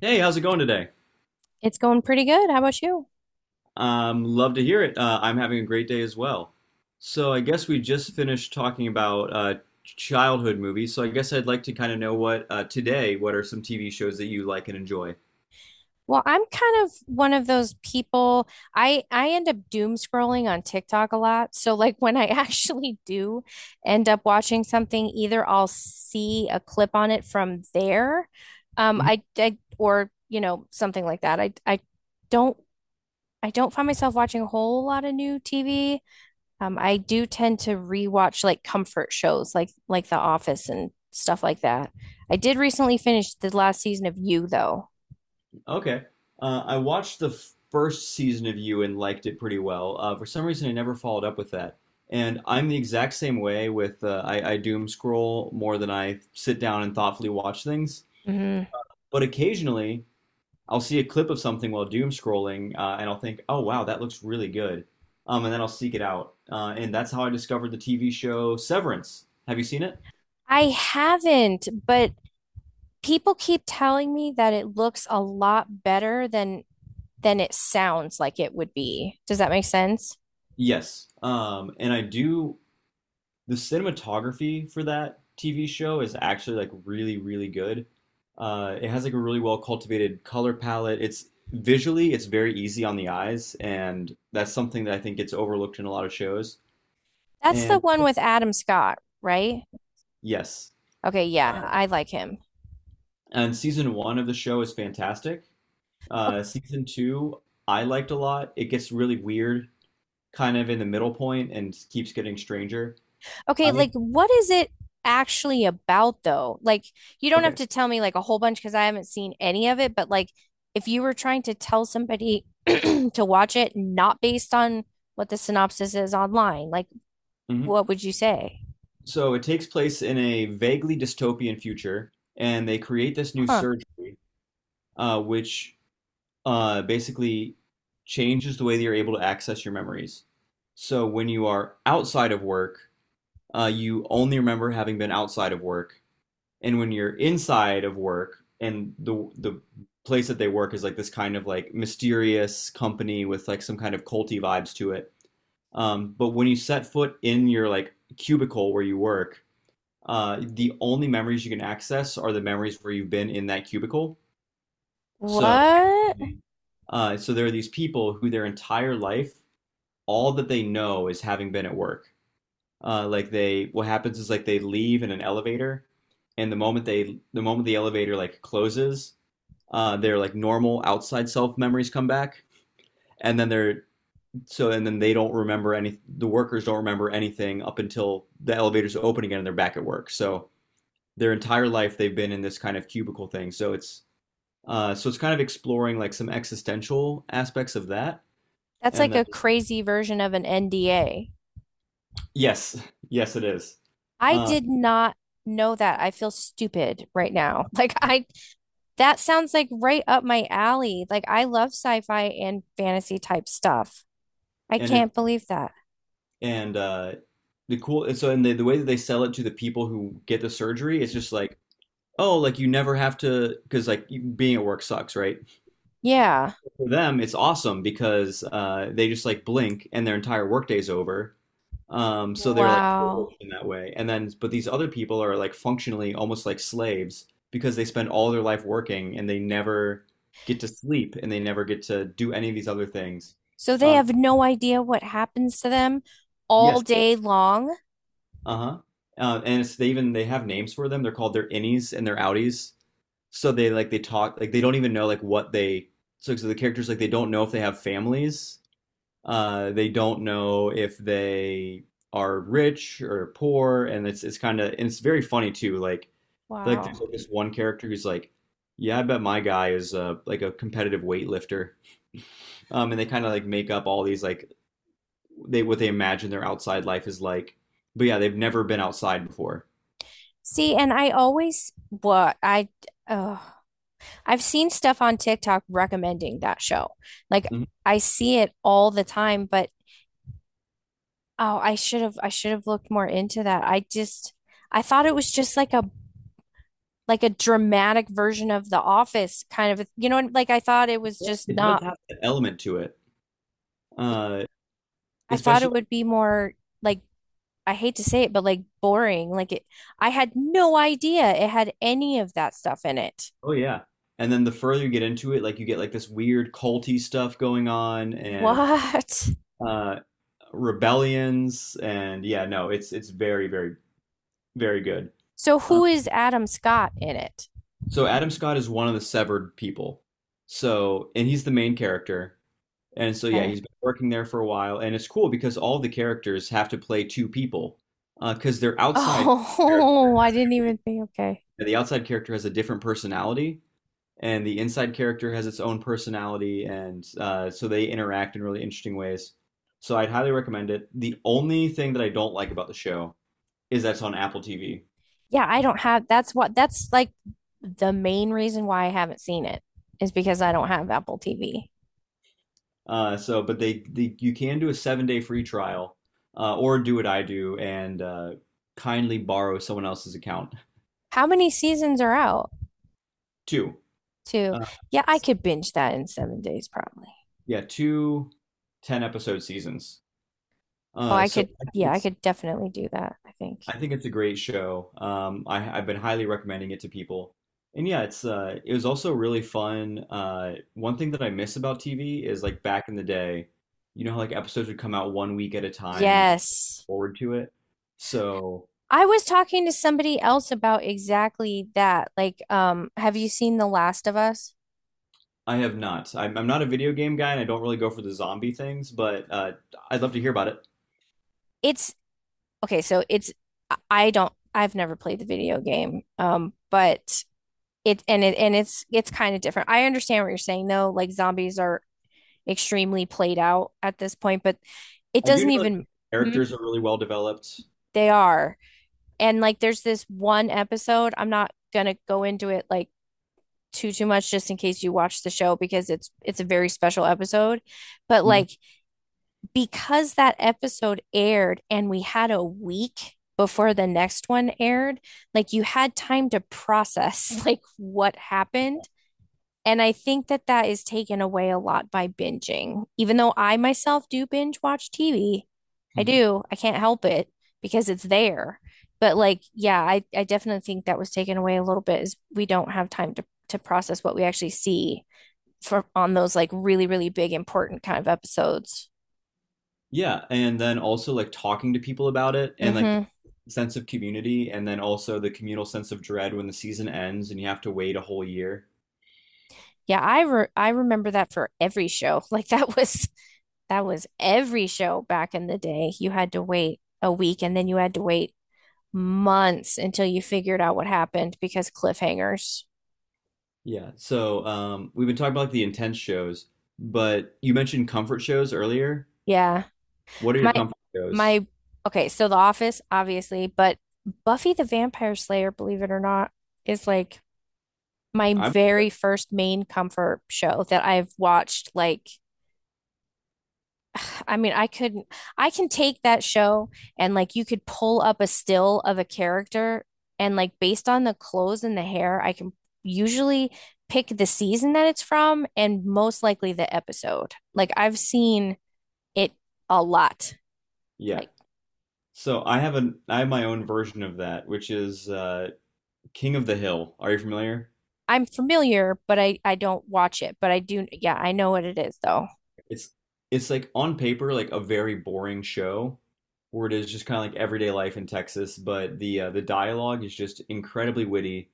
Hey, how's it going today? It's going pretty good. How about you? Love to hear it. I'm having a great day as well. So I guess we just finished talking about childhood movies. So I guess I'd like to kind of know what today, what are some TV shows that you like and enjoy? Well, I'm kind of one of those people. I end up doom scrolling on TikTok a lot. So like when I actually do end up watching something, either I'll see a clip on it from there, Mhm. I or you know something like that. Don't I don't find myself watching a whole lot of new TV. I do tend to rewatch like comfort shows like The Office and stuff like that. I did recently finish the last season of You though. Okay. I watched the first season of You and liked it pretty well. For some reason, I never followed up with that. And I'm the exact same way with I doom scroll more than I sit down and thoughtfully watch things. Mhm. But occasionally, I'll see a clip of something while doom scrolling, and I'll think, "Oh wow, that looks really good," and then I'll seek it out, and that's how I discovered the TV show Severance. Have you seen it? I haven't, but people keep telling me that it looks a lot better than it sounds like it would be. Does that make sense? Yes, and I do. The cinematography for that TV show is actually like really, really good. It has like a really well cultivated color palette. It's visually, it's very easy on the eyes, and that's something that I think gets overlooked in a lot of shows. That's the And one with Adam Scott, right? yes, Okay, yeah, uh, I like him. and season one of the show is fantastic. O- Season two, I liked a lot. It gets really weird, kind of in the middle point, and keeps getting stranger. Okay, I like what is it actually about though? Like you don't have Okay. to tell me like a whole bunch because I haven't seen any of it, but like if you were trying to tell somebody to watch it not based on what the synopsis is online, like hmm what would you say? So it takes place in a vaguely dystopian future, and they create this new Huh. surgery, which basically changes the way that you're able to access your memories. So when you are outside of work, you only remember having been outside of work, and when you're inside of work and the place that they work is like this kind of like mysterious company with like some kind of culty vibes to it. But when you set foot in your like cubicle where you work, the only memories you can access are the memories where you've been in that cubicle. So, What? So there are these people who their entire life, all that they know is having been at work, like they what happens is like they leave in an elevator, and the moment the elevator like closes, their like normal outside self memories come back, and then they're so and then they don't remember any the workers don't remember anything up until the elevators open again and they're back at work. So their entire life they've been in this kind of cubicle thing, so it's kind of exploring like some existential aspects of that. That's And like then a crazy version of an NDA. Yes, yes it is. I uh, did not know that. I feel stupid right now. Like I That sounds like right up my alley. Like I love sci-fi and fantasy type stuff. I and it can't believe that. and the cool and so and The way that they sell it to the people who get the surgery, it's just like, "Oh, like you never have to," because like being at work sucks, right? Yeah. For them it's awesome because they just like blink and their entire workday's over. So they're like Wow. privileged in that way, and then but these other people are like functionally almost like slaves because they spend all their life working and they never get to sleep and they never get to do any of these other things. So they um, have no idea what happens to them all yes. day long. Uh-huh. And it's, they have names for them. They're called their innies and their outies. So they like they talk like they don't even know like what they. So the characters like they don't know if they have families. They don't know if they are rich or poor, and it's kind of, and it's very funny too. Like Wow. there's like this one character who's like, "Yeah, I bet my guy is like a competitive weightlifter." And they kind of like make up all these like, they what they imagine their outside life is like, but yeah, they've never been outside before. See, and I always what I Oh, I've seen stuff on TikTok recommending that show. Like Mhm. I see it all the time, but oh, I should have looked more into that. I thought it was just like a dramatic version of The Office kind of, you know, like I thought it was But just it does not have an element to it, uh I thought especially. it would be more like I hate to say it, but like boring. Like it I had no idea it had any of that stuff in it. Oh yeah. And then the further you get into it, like you get like this weird culty stuff going on, and What? uh rebellions. And yeah, no, it's very, very, very good. So Uh, who is Adam Scott in it? so Adam Scott is one of the severed people. So and he's the main character. And so yeah, Okay. he's been working there for a while, and it's cool because all the characters have to play two people because their outside character Oh, I has didn't even think. Okay. The outside character has a different personality and the inside character has its own personality, and so they interact in really interesting ways. So I'd highly recommend it. The only thing that I don't like about the show is that's on Apple TV. Yeah, I don't have that's like the main reason why I haven't seen it is because I don't have Apple TV. So, but they you can do a 7-day free trial, or do what I do and kindly borrow someone else's account. How many seasons are out Two, too? uh, Yeah, I could binge that in 7 days probably. yeah, two ten episode seasons. Oh, Uh, I so could, I think yeah, I it's could definitely do that, I think. I think it's a great show. I've been highly recommending it to people. And yeah, it's it was also really fun. One thing that I miss about TV is like back in the day, you know how like episodes would come out one week at a time and you could look Yes. forward to it. So I was talking to somebody else about exactly that. Like, have you seen The Last of Us? I have not. I'm not a video game guy and I don't really go for the zombie things, but I'd love to hear about it. It's okay, so it's I don't I've never played the video game. But it and it and it's kind of different. I understand what you're saying though. Like zombies are extremely played out at this point, but it I do doesn't know that the even hmm, characters are really well developed. they are. And like there's this one episode, I'm not gonna go into it like too much just in case you watch the show because it's a very special episode. But Mhm. like because that episode aired and we had a week before the next one aired, like you had time to process like what happened. And I think that that is taken away a lot by binging. Even though I myself do binge watch TV, I do. I can't help it because it's there. But like, yeah, I definitely think that was taken away a little bit is we don't have time to, process what we actually see for on those like really, really big important kind of episodes. Yeah, and then also like talking to people about it, and like Hmm. the sense of community, and then also the communal sense of dread when the season ends and you have to wait a whole year. Yeah, I remember that for every show. Like that was every show back in the day. You had to wait a week and then you had to wait months until you figured out what happened because cliffhangers. Yeah. So, we've been talking about like the intense shows, but you mentioned comfort shows earlier. Yeah. What are your My comfort shows? my okay, so The Office, obviously, but Buffy the Vampire Slayer, believe it or not, is like my I'm very first main comfort show that I've watched. Like I mean, I could not I can take that show, and like you could pull up a still of a character, and like based on the clothes and the hair, I can usually pick the season that it's from and most likely the episode. Like I've seen it a lot. yeah. Like So, I have my own version of that, which is King of the Hill. Are you familiar? I'm familiar, but I don't watch it, but I do, yeah, I know what it is though. It's like on paper like a very boring show where it is just kind of like everyday life in Texas, but the dialogue is just incredibly witty,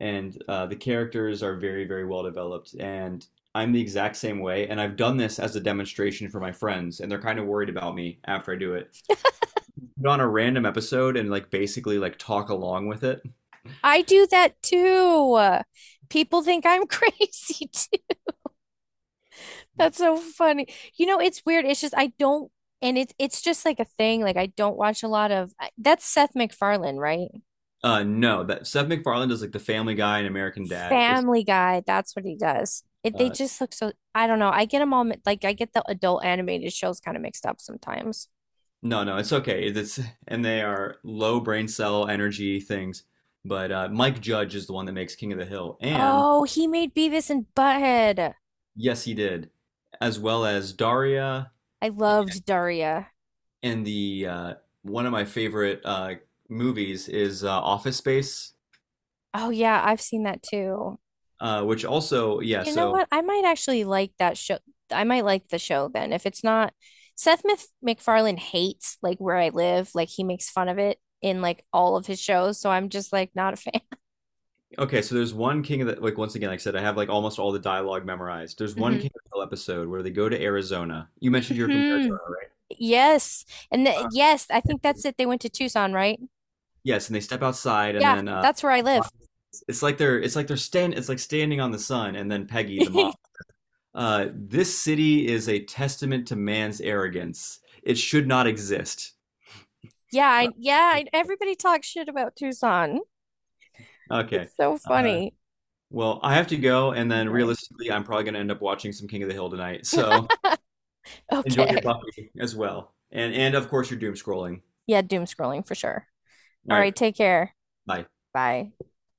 and the characters are very very well developed. And I'm the exact same way, and I've done this as a demonstration for my friends and they're kind of worried about me after I do it. Put on a random episode and like basically like talk along with it. I do that too. People think I'm crazy too. That's so funny. You know, it's weird. It's just like a thing. Like I don't watch a lot of that's Seth MacFarlane, right? No, that Seth MacFarlane does like the Family Guy and American Dad. It's Family Guy. That's what he does. It, they uh, just look so. I don't know. I get them all like I get the adult animated shows kind of mixed up sometimes. No, no, it's okay. It's and they are low brain cell energy things. But Mike Judge is the one that makes King of the Hill, and Oh, he made Beavis and Butthead. yes, he did, as well as Daria, I loved Daria. and the one of my favorite movies is Office Space, Oh yeah, I've seen that too. Which also yeah. You know So what? I might actually like that show. I might like the show then. If it's not MacFarlane hates like where I live, like he makes fun of it in like all of his shows, so I'm just like not a fan. okay, so there's one King of the, like once again, like I said, I have like almost all the dialogue memorized. There's one Mm-hmm. King of the Hill episode where they go to Arizona. You mentioned you're from Hmm. Arizona, right? Yes. And the, Uh, yes, I think and- that's it. They went to Tucson, right? yes, and they step outside, and Yeah, then that's where I live. It's like standing on the sun. And then Peggy the mom. This city is a testament to man's arrogance. It should not exist. Yeah, Uh, everybody talks shit about Tucson. It's Okay. so Uh, funny. well, I have to go, and then Okay. realistically, I'm probably going to end up watching some King of the Hill tonight. So enjoy your Okay. Buffy as well, and of course your doom scrolling. Yeah, doom scrolling for sure. All All right, right, take care. bye. Bye.